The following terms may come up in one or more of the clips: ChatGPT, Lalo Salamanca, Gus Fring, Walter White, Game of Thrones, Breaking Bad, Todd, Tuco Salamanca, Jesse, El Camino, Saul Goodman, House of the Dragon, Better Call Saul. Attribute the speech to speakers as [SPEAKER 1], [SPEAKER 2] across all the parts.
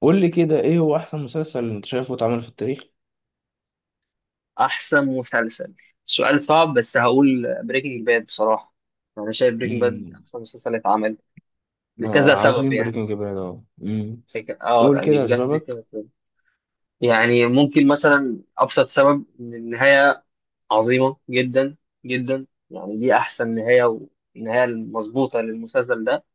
[SPEAKER 1] قول لي كده، ايه هو احسن مسلسل انت شايفه اتعمل في التاريخ؟
[SPEAKER 2] احسن مسلسل، سؤال صعب بس هقول بريكنج باد بصراحه. انا شايف بريكنج باد
[SPEAKER 1] مم.
[SPEAKER 2] احسن مسلسل اتعمل لكذا سبب
[SPEAKER 1] عظيم
[SPEAKER 2] يعني.
[SPEAKER 1] بريكنج باد قول
[SPEAKER 2] يعني
[SPEAKER 1] كده
[SPEAKER 2] بجد
[SPEAKER 1] اسبابك.
[SPEAKER 2] كذا سبب. يعني ممكن مثلا ابسط سبب ان النهايه عظيمه جدا جدا، يعني دي احسن نهايه والنهايه المظبوطه للمسلسل ده.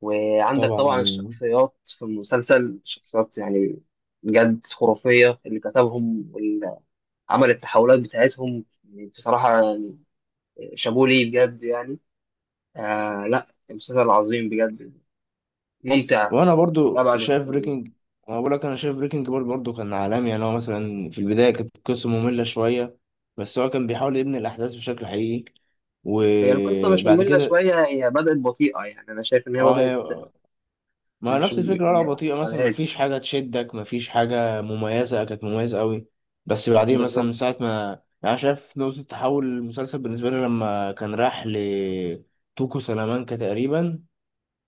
[SPEAKER 2] وعندك
[SPEAKER 1] طبعا
[SPEAKER 2] طبعا
[SPEAKER 1] مم.
[SPEAKER 2] الشخصيات في المسلسل شخصيات يعني بجد خرافيه، اللي كتبهم والعمل التحولات بتاعتهم بصراحه شابوه ليه بجد يعني. آه لا، المسلسل عظيم بجد، ممتع
[SPEAKER 1] وانا برضو
[SPEAKER 2] لأبعد
[SPEAKER 1] شايف
[SPEAKER 2] الحدود.
[SPEAKER 1] بريكنج انا بقول لك، انا شايف بريكنج باد برضو كان عالمي، يعني هو مثلا في البدايه كانت القصه ممله شويه، بس هو كان بيحاول يبني الاحداث بشكل حقيقي.
[SPEAKER 2] هي القصة مش
[SPEAKER 1] وبعد
[SPEAKER 2] مملة
[SPEAKER 1] كده
[SPEAKER 2] شوية، هي بدأت بطيئة يعني أنا شايف إن هي
[SPEAKER 1] اه
[SPEAKER 2] بدأت
[SPEAKER 1] هي ما
[SPEAKER 2] مش
[SPEAKER 1] نفس الفكرة، قلعة
[SPEAKER 2] يعني
[SPEAKER 1] بطيئة
[SPEAKER 2] على
[SPEAKER 1] مثلا، ما
[SPEAKER 2] الهادي
[SPEAKER 1] فيش حاجة تشدك، ما فيش حاجة مميزة كانت مميزة قوي. بس بعدين مثلا
[SPEAKER 2] بالظبط.
[SPEAKER 1] من ساعة ما، يعني أنا شايف نقطة تحول المسلسل بالنسبة لي لما كان راح لتوكو سلامانكا تقريبا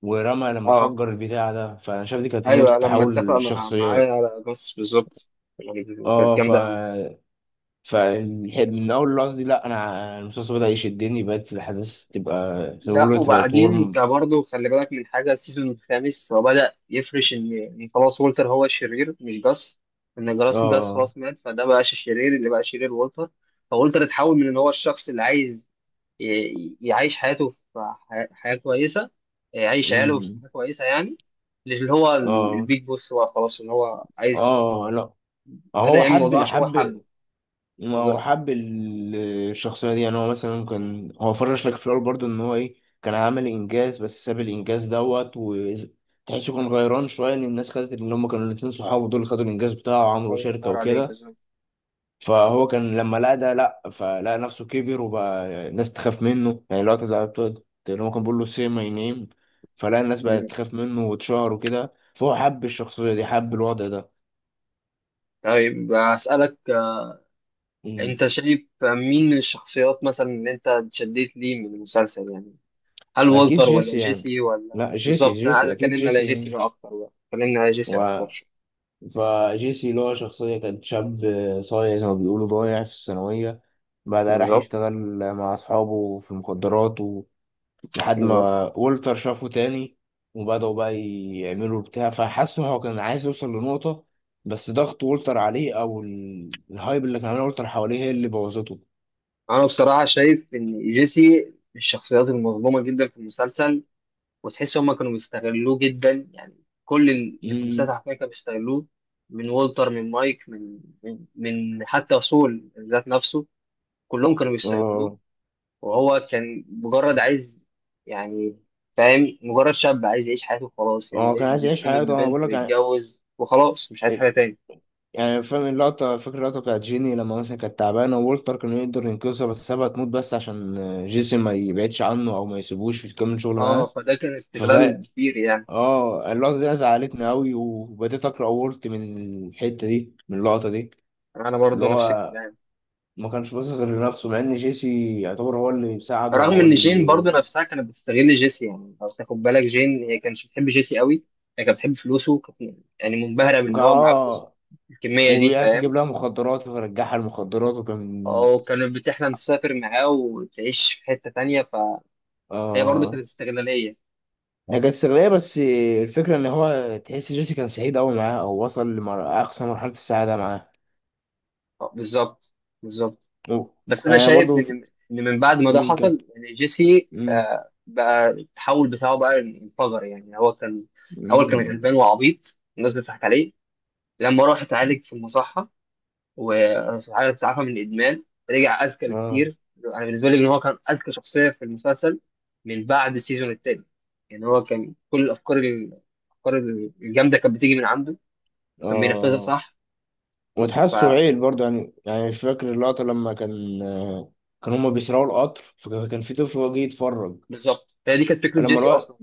[SPEAKER 1] ورمى لما
[SPEAKER 2] أه
[SPEAKER 1] فجر البتاع ده، فأنا شايف دي كانت نقطة
[SPEAKER 2] أيوه، لما اتفق
[SPEAKER 1] تحول
[SPEAKER 2] معايا
[SPEAKER 1] الشخصيات.
[SPEAKER 2] على بس بالظبط يعني، كانت
[SPEAKER 1] اه ف
[SPEAKER 2] جامدة أوي.
[SPEAKER 1] ف من أول اللحظة دي، لأ أنا المسلسل بدأ يشدني، بقت الأحداث تبقى زي ما
[SPEAKER 2] لا
[SPEAKER 1] بيقولوا تبقى
[SPEAKER 2] وبعدين انت
[SPEAKER 1] ورم.
[SPEAKER 2] برضه خلي بالك من حاجه السيزون الخامس، هو بدأ يفرش ان خلاص وولتر هو الشرير مش جاس. ان جاس
[SPEAKER 1] اه
[SPEAKER 2] خلاص مات، فده بقاش الشرير، اللي بقى شرير وولتر. فولتر اتحول من ان هو الشخص اللي عايز يعيش حياته في حياه كويسه. يعيش عياله في
[SPEAKER 1] أمم.
[SPEAKER 2] حياه كويسه يعني. اللي هو
[SPEAKER 1] اه
[SPEAKER 2] البيج بوس، هو خلاص ان هو عايز،
[SPEAKER 1] اه لأ.
[SPEAKER 2] بدأ
[SPEAKER 1] هو
[SPEAKER 2] يعمل
[SPEAKER 1] حب
[SPEAKER 2] الموضوع
[SPEAKER 1] اللي
[SPEAKER 2] عشان هو
[SPEAKER 1] حب
[SPEAKER 2] حبه.
[SPEAKER 1] ما هو
[SPEAKER 2] بالظبط.
[SPEAKER 1] حب ال- الشخصية دي، يعني هو مثلا كان هو فرش لك في الأول برضه إن هو إيه، كان عامل إنجاز بس ساب الإنجاز دوت، وتحسه كان غيران شوية إن الناس خدت اللي هما كانوا الاتنين صحابه دول خدوا الإنجاز بتاعه وعملوا
[SPEAKER 2] الله
[SPEAKER 1] شركة
[SPEAKER 2] ينور عليك.
[SPEAKER 1] وكده.
[SPEAKER 2] بالظبط.
[SPEAKER 1] فهو كان لما لقى ده لأ، فلقى نفسه كبر وبقى الناس تخاف منه، يعني الوقت ده اللي هو كان بيقول له سي ماي نيم، فلقى الناس بقت
[SPEAKER 2] مم.
[SPEAKER 1] تخاف منه واتشهر وكده، فهو حب الشخصية دي، حب الوضع ده.
[SPEAKER 2] طيب أسألك،
[SPEAKER 1] مم.
[SPEAKER 2] انت شايف مين الشخصيات مثلا اللي انت اتشديت ليه من المسلسل يعني؟ هل
[SPEAKER 1] أكيد
[SPEAKER 2] والتر ولا
[SPEAKER 1] جيسي يعني.
[SPEAKER 2] جيسي ولا؟
[SPEAKER 1] لأ، جيسي
[SPEAKER 2] بالظبط، انا عايز
[SPEAKER 1] جيسي أكيد
[SPEAKER 2] اتكلمنا على
[SPEAKER 1] جيسي
[SPEAKER 2] جيسي
[SPEAKER 1] يعني.
[SPEAKER 2] بقى اكتر، بقى اتكلمنا على جيسي
[SPEAKER 1] و
[SPEAKER 2] اكتر شوية.
[SPEAKER 1] فجيسي اللي هو شخصية كان شاب صايع زي ما بيقولوا، ضايع في الثانوية، بعدها راح
[SPEAKER 2] بالظبط.
[SPEAKER 1] يشتغل مع أصحابه في المخدرات و... لحد
[SPEAKER 2] بالظبط.
[SPEAKER 1] ما والتر شافه تاني وبدأوا بقى يعملوا بتاع، فحس إن هو كان عايز يوصل لنقطة، بس ضغط والتر عليه أو الهايب اللي كان عامله والتر حواليه هي اللي بوظته.
[SPEAKER 2] انا بصراحة شايف ان جيسي من الشخصيات المظلومة جدا في المسلسل، وتحس هما كانوا بيستغلوه جدا، يعني كل اللي في المسلسل
[SPEAKER 1] امم
[SPEAKER 2] حرفيا كانوا بيستغلوه. من والتر، من مايك، من حتى سول ذات نفسه، كلهم كانوا بيستغلوه.
[SPEAKER 1] اه
[SPEAKER 2] وهو كان مجرد عايز يعني، فاهم، مجرد شاب عايز يعيش حياته وخلاص، يعني
[SPEAKER 1] هو كان
[SPEAKER 2] عايز
[SPEAKER 1] عايز يعيش
[SPEAKER 2] يرتبط
[SPEAKER 1] حياته، أنا بقول
[SPEAKER 2] ببنت
[SPEAKER 1] لك يعني.
[SPEAKER 2] ويتجوز وخلاص، مش عايز حاجة تاني.
[SPEAKER 1] يعني فاهم اللقطة، فاكر اللقطة بتاعت جيني لما مثلا كانت تعبانة، وولتر كان يقدر ينقذها بس سابها تموت، بس عشان جيسون ما يبعدش عنه أو ما يسيبوش يكمل شغل
[SPEAKER 2] اه
[SPEAKER 1] معاه.
[SPEAKER 2] فده كان استغلال
[SPEAKER 1] ففا
[SPEAKER 2] كبير يعني.
[SPEAKER 1] اه اللقطة دي أنا زعلتني أوي، وبديت أقرأ وولت من الحتة دي، من اللقطة دي
[SPEAKER 2] انا
[SPEAKER 1] اللي
[SPEAKER 2] برضو نفس
[SPEAKER 1] هو
[SPEAKER 2] الكلام.
[SPEAKER 1] ما كانش باصص غير لنفسه، مع إن جيسي يعتبر هو اللي بيساعده
[SPEAKER 2] رغم
[SPEAKER 1] وهو
[SPEAKER 2] ان جين برضو
[SPEAKER 1] اللي
[SPEAKER 2] نفسها كانت بتستغل جيسي، يعني لو تاخد بالك جين هي كانت بتحب جيسي قوي، هي كانت بتحب فلوسه، كانت يعني منبهرة
[SPEAKER 1] كان-
[SPEAKER 2] بان هو معاه فلوس
[SPEAKER 1] اه
[SPEAKER 2] الكمية دي
[SPEAKER 1] وبيعرف
[SPEAKER 2] فاهم.
[SPEAKER 1] يجيب لها مخدرات، فرجعها المخدرات وكان
[SPEAKER 2] او كانت بتحلم تسافر معاه وتعيش في حتة تانية، فهي برضو
[SPEAKER 1] اه
[SPEAKER 2] كانت استغلالية.
[SPEAKER 1] هي كانت استغلالية، بس الفكرة إن هو تحس جيسي كان سعيد أوي معاه، أو وصل لأقصى مرحلة السعادة معاه.
[SPEAKER 2] بالظبط. بالظبط.
[SPEAKER 1] و-
[SPEAKER 2] بس انا
[SPEAKER 1] أنا
[SPEAKER 2] شايف
[SPEAKER 1] برضو ف-
[SPEAKER 2] ان من بعد ما ده
[SPEAKER 1] مم، كان
[SPEAKER 2] حصل يعني جيسي،
[SPEAKER 1] مم،
[SPEAKER 2] بقى التحول بتاعه بقى انفجر، يعني هو كان اول كان
[SPEAKER 1] مم،
[SPEAKER 2] غلبان وعبيط الناس بتضحك عليه، لما راح اتعالج في المصحه وسبحان تعافى من الادمان رجع اذكى
[SPEAKER 1] آه
[SPEAKER 2] بكتير. انا بالنسبه لي ان هو كان اذكى شخصيه في المسلسل من بعد السيزون التاني، يعني هو كان كل الافكار، الافكار الجامده كانت بتيجي من عنده، كان بينفذها
[SPEAKER 1] آه
[SPEAKER 2] صح.
[SPEAKER 1] وتحسه عيل برضو يعني، يعني مش فاكر اللقطة لما كان كان هما بيسرقوا القطر، فكان في طفل هو جه يتفرج
[SPEAKER 2] فبالظبط هي دي كانت فكره
[SPEAKER 1] لما
[SPEAKER 2] جيسي
[SPEAKER 1] الواد.
[SPEAKER 2] اصلا،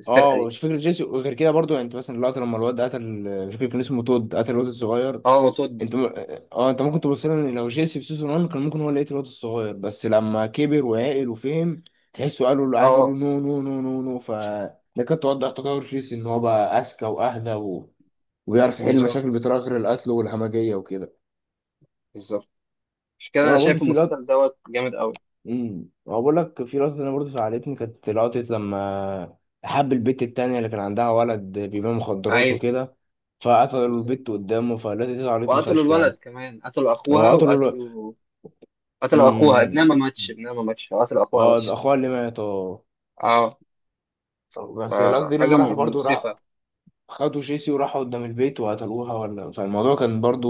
[SPEAKER 2] السرقه
[SPEAKER 1] اه
[SPEAKER 2] دي.
[SPEAKER 1] مش فاكر جيسي، وغير كده برضو يعني انت مثلا اللقطة لما الواد قتل، مش فاكر كان اسمه تود، قتل الواد الصغير.
[SPEAKER 2] اه وتود.
[SPEAKER 1] انت م... اه انت ممكن تبص لها ان لو جيسي في سيزون 1 كان ممكن هو اللي يقتل الواد الصغير، بس لما كبر وعقل وفهم تحسه قالوا له، قعدوا له
[SPEAKER 2] اه
[SPEAKER 1] نو نو نو نو نو. ده كانت توضح تطور جيسي، ان هو بقى اذكى واهدى و... وبيعرف يحل المشاكل
[SPEAKER 2] بالظبط.
[SPEAKER 1] بطريقه غير القتل والهمجيه وكده.
[SPEAKER 2] بالظبط. مش كده؟ انا
[SPEAKER 1] وانا برضو
[SPEAKER 2] شايف
[SPEAKER 1] في لقطه،
[SPEAKER 2] المسلسل دوت جامد قوي.
[SPEAKER 1] هو بقول لك في لقطه انا برضو زعلتني، كانت لقطه لما حب البت التانية اللي كان عندها ولد بيبيع مخدرات
[SPEAKER 2] ايوه.
[SPEAKER 1] وكده، فقتلوا
[SPEAKER 2] بالظبط،
[SPEAKER 1] البت قدامه، فالتي دي زعلتني
[SPEAKER 2] وقتلوا
[SPEAKER 1] فشخ
[SPEAKER 2] الولد
[SPEAKER 1] يعني.
[SPEAKER 2] كمان، قتلوا اخوها
[SPEAKER 1] قتلوا
[SPEAKER 2] وقتلوا. قتلوا اخوها، ابنها ما
[SPEAKER 1] الولد.
[SPEAKER 2] ماتش، ابنها ما ماتش، قتلوا اخوها
[SPEAKER 1] اه،
[SPEAKER 2] بس.
[SPEAKER 1] يبقى اخوها اللي مات. اه
[SPEAKER 2] اه.
[SPEAKER 1] بس الواد دي
[SPEAKER 2] حاجه
[SPEAKER 1] لما راحوا برضو، راح
[SPEAKER 2] مؤسفه.
[SPEAKER 1] خدوا جيسي وراحوا قدام البيت وقتلوها ولا، فالموضوع كان برضو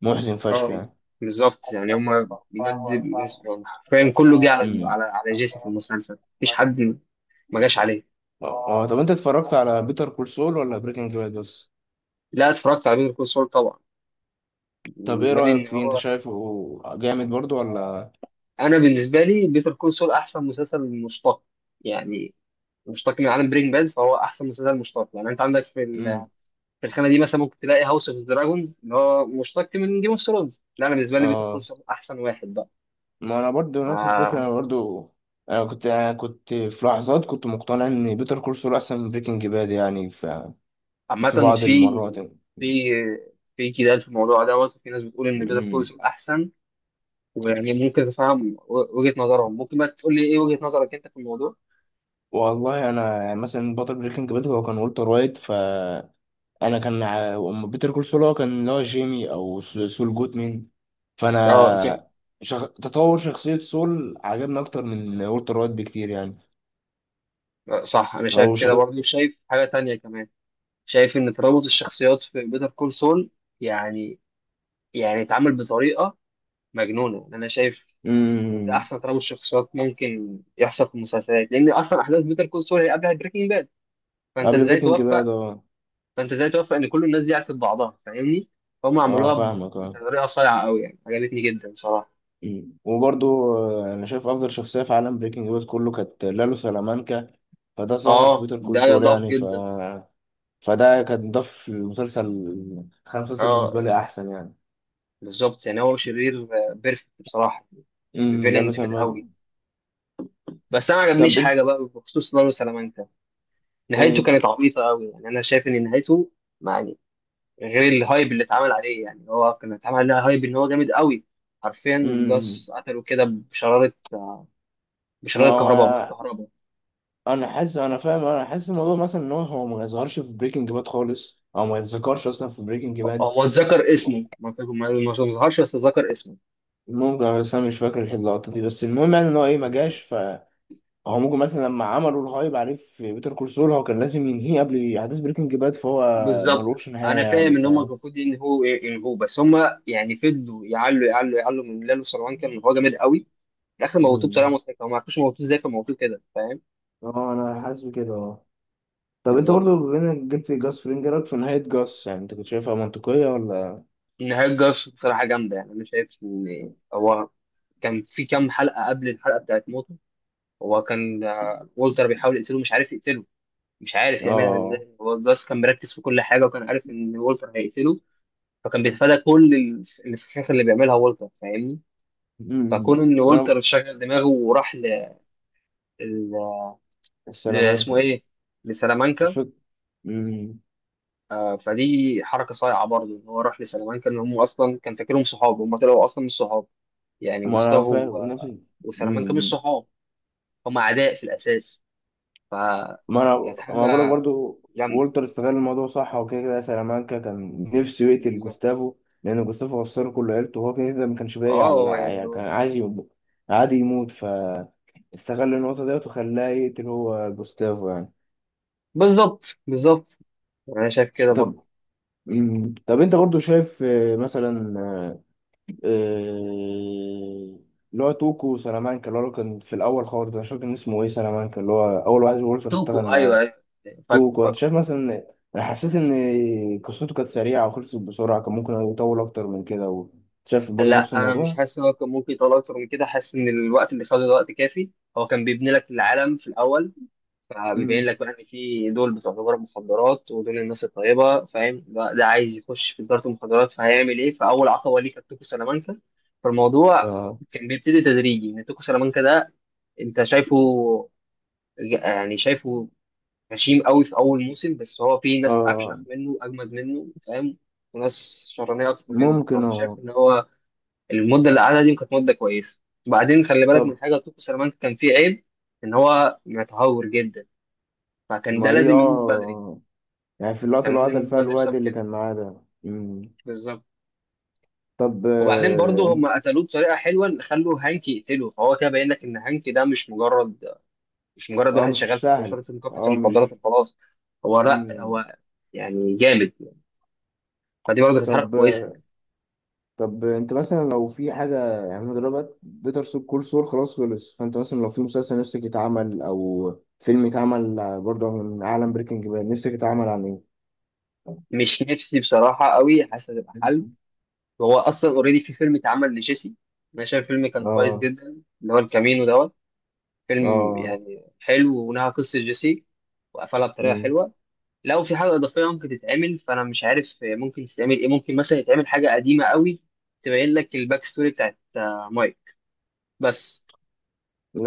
[SPEAKER 1] محزن فشخ
[SPEAKER 2] اه
[SPEAKER 1] يعني.
[SPEAKER 2] بالظبط، يعني هم بجد يعني حرفيا كله جه
[SPEAKER 1] امم
[SPEAKER 2] على جيسي في المسلسل، مفيش حد ما جاش عليه.
[SPEAKER 1] اه طب انت اتفرجت على بيتر كول سول ولا بريكنج باد بس؟
[SPEAKER 2] لا، اتفرجت على بيتر كول سول طبعا.
[SPEAKER 1] طب ايه
[SPEAKER 2] بالنسبه لي
[SPEAKER 1] رأيك
[SPEAKER 2] ان
[SPEAKER 1] فيه، انت
[SPEAKER 2] هو،
[SPEAKER 1] شايفه جامد برضو ولا؟
[SPEAKER 2] انا بالنسبه لي بيتر كول سول احسن مسلسل مشتق، يعني مشتق من عالم برينج باد، فهو احسن مسلسل مشتق. يعني انت عندك في
[SPEAKER 1] امم
[SPEAKER 2] في الخانه دي، مثلا ممكن تلاقي هاوس اوف دراجونز اللي هو مشتق من جيم اوف ثرونز، لا انا بالنسبه لي بيتر كول
[SPEAKER 1] اه
[SPEAKER 2] احسن واحد بقى.
[SPEAKER 1] ما انا برضو نفس الفكرة. انا
[SPEAKER 2] آه،
[SPEAKER 1] برضو، انا كنت في لحظات كنت مقتنع ان بيتر كول سول احسن من بريكنج باد يعني،
[SPEAKER 2] عامه
[SPEAKER 1] في بعض المرات يعني.
[SPEAKER 2] في في جدال في الموضوع دوت، وفي ناس بتقول ان بيتر كول
[SPEAKER 1] أمم.
[SPEAKER 2] احسن. ويعني ممكن تفهم وجهه نظرهم، ممكن بقى تقول لي ايه وجهه نظرك انت في الموضوع؟
[SPEAKER 1] والله انا يعني مثلا، بطل بريكنج باد هو كان والتر وايت، أما بيتر كول سول هو كان اللي هو جيمي او سول جودمان،
[SPEAKER 2] اه جيم.
[SPEAKER 1] فانا تطور شخصية سول عجبني اكتر من والتر وايت بكتير يعني.
[SPEAKER 2] صح، انا
[SPEAKER 1] او
[SPEAKER 2] شايف
[SPEAKER 1] شخ...
[SPEAKER 2] كده برضه، شايف حاجه تانية كمان. شايف ان ترابط الشخصيات في بيتر كول سول يعني، يعني اتعمل بطريقه مجنونه، يعني انا شايف ان ده
[SPEAKER 1] أمم.
[SPEAKER 2] احسن ترابط شخصيات ممكن يحصل في المسلسلات، لان اصلا احداث بيتر كول سول هي قبلها بريكنج باد. فانت
[SPEAKER 1] قبل
[SPEAKER 2] ازاي
[SPEAKER 1] بريكنج
[SPEAKER 2] توفق
[SPEAKER 1] باد. اه
[SPEAKER 2] فانت ازاي توفق ان كل الناس دي عرفت بعضها فاهمني. فهم
[SPEAKER 1] اه
[SPEAKER 2] عملوها
[SPEAKER 1] فاهمك. اه
[SPEAKER 2] بطريقه صايعه قوي، يعني عجبتني جدا صراحه.
[SPEAKER 1] أمم. وبرضو انا شايف افضل شخصية في عالم بريكنج باد كله كانت لالو سلامانكا، فده ظهر في
[SPEAKER 2] اه
[SPEAKER 1] بيتر
[SPEAKER 2] ده
[SPEAKER 1] كول سول
[SPEAKER 2] يضاف
[SPEAKER 1] يعني.
[SPEAKER 2] جدا.
[SPEAKER 1] فده كان ضاف المسلسل، خلى المسلسل
[SPEAKER 2] اه
[SPEAKER 1] بالنسبة لي أحسن يعني.
[SPEAKER 2] بالظبط، يعني هو شرير بيرفكت بصراحه،
[SPEAKER 1] لا
[SPEAKER 2] فيلن
[SPEAKER 1] بس
[SPEAKER 2] جامد قوي.
[SPEAKER 1] أنا-
[SPEAKER 2] بس انا ما عجبنيش
[SPEAKER 1] طب أنت
[SPEAKER 2] حاجه بقى بخصوص دار سلامانكا، نهايته
[SPEAKER 1] إيه؟
[SPEAKER 2] كانت عبيطه قوي، يعني انا شايف ان نهايته، غير الهايب اللي اتعمل عليه، يعني هو كان اتعمل عليه هايب ان هو جامد قوي حرفيا.
[SPEAKER 1] امم
[SPEAKER 2] جاس قتله كده بشرارة،
[SPEAKER 1] ما
[SPEAKER 2] بشرارة كهرباء، بماس
[SPEAKER 1] هو
[SPEAKER 2] كهرباء.
[SPEAKER 1] أنا حاسس الموضوع مثلا، إن هو ما يظهرش في بريكنج باد خالص، أو ما يتذكرش أصلا في بريكنج باد.
[SPEAKER 2] هو اتذكر اسمه، ما ظهرش بس اتذكر اسمه.
[SPEAKER 1] ممكن، بس أنا مش فاكر اللقطة دي. بس المهم يعني إن هو إيه، ما جاش، فهو ممكن مثلا لما عملوا الهايب عليه في بيتر كورسول هو كان لازم ينهيه قبل أحداث بريكنج باد، فهو
[SPEAKER 2] بالظبط،
[SPEAKER 1] ملوش نهاية
[SPEAKER 2] انا فاهم
[SPEAKER 1] يعني.
[SPEAKER 2] ان هم المفروض ان هو بس، هم يعني فضلوا يعلوا، يعلوا، يعلوا من لالو سلوان كان هو جامد قوي. في الاخر موتوه بطريقه
[SPEAKER 1] امم
[SPEAKER 2] مضحكه، هم ما عرفوش موتوه ازاي، فموتوه كده فاهم.
[SPEAKER 1] اه أنا حاسس بكده. طب انت
[SPEAKER 2] بالظبط.
[SPEAKER 1] برضو بما انك جبت جاس فرينج، إيه رأيك في نهاية جاس؟ يعني انت كنت شايفها منطقية ولا؟
[SPEAKER 2] نهايه جاس بصراحه جامده، يعني انا شايف ان هو كان في كام حلقه قبل الحلقه بتاعت موت، هو كان والتر بيحاول يقتله مش عارف يقتله، مش عارف يعملها
[SPEAKER 1] اه
[SPEAKER 2] ازاي. هو جاس كان مركز في كل حاجه، وكان عارف ان والتر هيقتله، فكان بيتفادى كل الفخاخ اللي بيعملها والتر فاهمني.
[SPEAKER 1] أمم.
[SPEAKER 2] فكون ان
[SPEAKER 1] وانا
[SPEAKER 2] والتر شغل دماغه وراح ل... اسمه
[SPEAKER 1] السلامانكا
[SPEAKER 2] ايه،
[SPEAKER 1] مش
[SPEAKER 2] لسلامانكا.
[SPEAKER 1] فاكر. أمم.
[SPEAKER 2] آه، فدي حركه صايعه برضه، ان هو راح لسلامانكا، ان هم اصلا كان فاكرهم صحاب، هم طلعوا اصلا مش صحاب، يعني
[SPEAKER 1] ما انا
[SPEAKER 2] جوستافو
[SPEAKER 1] فاهم نفسي.
[SPEAKER 2] وسلامانكا مش
[SPEAKER 1] أمم.
[SPEAKER 2] صحاب، هم اعداء في الاساس،
[SPEAKER 1] ما انا
[SPEAKER 2] فكانت
[SPEAKER 1] ما بقولك
[SPEAKER 2] حاجه
[SPEAKER 1] برضو،
[SPEAKER 2] جامده.
[SPEAKER 1] وولتر استغل الموضوع صح، وكده كده سلامانكا كان نفسه يقتل
[SPEAKER 2] بالظبط،
[SPEAKER 1] جوستافو، لان جوستافو خسر كل عيلته وهو كده كده ما كانش باقي على،
[SPEAKER 2] اه يعني
[SPEAKER 1] يعني كان عايز عادي يموت، فاستغل النقطة ديت وخلاه يقتل هو جوستافو يعني.
[SPEAKER 2] بالظبط. بالظبط، انا شايف كده برضه.
[SPEAKER 1] طب طب انت برضو شايف، مثلا آه، اللي هو توكو سلامانكا، اللي هو كان في الاول خالص، انا مش فاكر كان اسمه ايه، سلامانكا اللي هو اول واحد وولفر اشتغل
[SPEAKER 2] توكو، ايوه
[SPEAKER 1] معاه.
[SPEAKER 2] ايوه. فاكو
[SPEAKER 1] توكو، انت
[SPEAKER 2] فاكو.
[SPEAKER 1] شايف مثلا، انا حسيت ان قصته كانت سريعه وخلصت بسرعه، كان ممكن يطول اكتر من كده. شايف برضو نفس
[SPEAKER 2] لا انا مش
[SPEAKER 1] الموضوع؟
[SPEAKER 2] حاسس ان هو كان ممكن يطلع اكتر من كده، حاسس ان الوقت اللي خده ده وقت كافي، هو كان بيبني لك العالم في الاول، فبيبين
[SPEAKER 1] مم.
[SPEAKER 2] لك بقى ان في دول بتوع تجار مخدرات ودول الناس الطيبه فاهم، ده عايز يخش في تجاره المخدرات فهيعمل ايه، فاول عقبه ليه كانت توكو سلامانكا. فالموضوع
[SPEAKER 1] اه
[SPEAKER 2] كان بيبتدي تدريجي ان توكو سلامانكا ده انت شايفه، يعني شايفه غشيم قوي في اول موسم، بس هو في ناس
[SPEAKER 1] اه
[SPEAKER 2] افشخ منه اجمد منه فاهم، وناس شرانيه اكتر منه،
[SPEAKER 1] ممكن.
[SPEAKER 2] فانا
[SPEAKER 1] اه
[SPEAKER 2] شايف ان هو المده اللي قعدها دي كانت مده كويسه. وبعدين خلي بالك من
[SPEAKER 1] طب
[SPEAKER 2] حاجه، توكو سلامانكا كان فيه عيب ان هو متهور جدا، فكان ده
[SPEAKER 1] ما دي،
[SPEAKER 2] لازم يموت بدري،
[SPEAKER 1] يعني في اللقطه
[SPEAKER 2] فكان
[SPEAKER 1] اللي هو
[SPEAKER 2] لازم
[SPEAKER 1] قتل
[SPEAKER 2] يموت
[SPEAKER 1] فيها
[SPEAKER 2] بدري
[SPEAKER 1] الواد
[SPEAKER 2] بسبب
[SPEAKER 1] اللي
[SPEAKER 2] كده.
[SPEAKER 1] كان معاه ده. مم.
[SPEAKER 2] بالظبط.
[SPEAKER 1] طب
[SPEAKER 2] وبعدين برضه هم قتلوه بطريقه حلوه ان خلوا هانك يقتله، فهو كده باين لك ان هانك ده مش مجرد، مش مجرد
[SPEAKER 1] اه
[SPEAKER 2] واحد شغال
[SPEAKER 1] مش
[SPEAKER 2] في
[SPEAKER 1] سهل.
[SPEAKER 2] شرطه مكافحه
[SPEAKER 1] اه مش
[SPEAKER 2] المخدرات وخلاص، هو لا،
[SPEAKER 1] مم.
[SPEAKER 2] هو يعني جامد، فدي برضه كانت حركه
[SPEAKER 1] طب
[SPEAKER 2] كويسه.
[SPEAKER 1] انت مثلا لو في حاجه يعني، أنا دلوقتي بيتر سول كول سول خلاص خلص، فانت مثلا لو في مسلسل نفسك يتعمل او فيلم يتعمل برضه من عالم بريكنج باد، نفسك يتعمل عن ايه؟
[SPEAKER 2] مش نفسي بصراحة قوي، حاسس هتبقى حل، وهو أصلا اوريدي في فيلم اتعمل لجيسي، أنا شايف الفيلم كان كويس
[SPEAKER 1] اه
[SPEAKER 2] جدا، اللي هو الكامينو دوت. فيلم
[SPEAKER 1] اه
[SPEAKER 2] يعني حلو، ونهى قصة جيسي وقفلها بطريقة
[SPEAKER 1] مم.
[SPEAKER 2] حلوة. لو في حاجة إضافية ممكن تتعمل، فأنا مش عارف ممكن تتعمل إيه، ممكن مثلا يتعمل حاجة قديمة قوي، تبين لك الباك ستوري بتاعت مايك بس.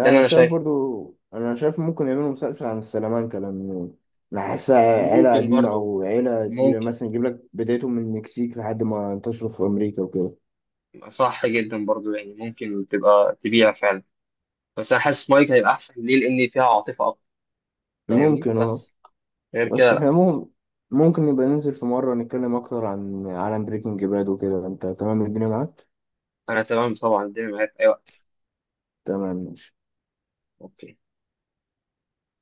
[SPEAKER 2] ده اللي
[SPEAKER 1] انا
[SPEAKER 2] أنا
[SPEAKER 1] شايف
[SPEAKER 2] شايفه.
[SPEAKER 1] برضو، انا شايف ممكن يعملوا مسلسل عن السلامانكا، لان انا حاسسها عيله
[SPEAKER 2] ممكن
[SPEAKER 1] قديمه
[SPEAKER 2] برضو.
[SPEAKER 1] او عيله تقيله،
[SPEAKER 2] ممكن،
[SPEAKER 1] مثلا يجيب لك بدايتهم من المكسيك لحد ما انتشروا في امريكا وكده.
[SPEAKER 2] صح جدا برضو، يعني ممكن تبقى تبيع فعلا. بس أنا حاسس مايك هيبقى أحسن ليه لأن فيها عاطفة فاهمني،
[SPEAKER 1] ممكن. اه
[SPEAKER 2] بس غير كده
[SPEAKER 1] بس
[SPEAKER 2] لا.
[SPEAKER 1] احنا مهم ممكن نبقى ننزل في مرة نتكلم أكتر عن عالم بريكنج باد وكده. أنت تمام، الدنيا معاك؟
[SPEAKER 2] انا تمام طبعا، الدنيا معايا في اي وقت.
[SPEAKER 1] تمام، ماشي.
[SPEAKER 2] اوكي.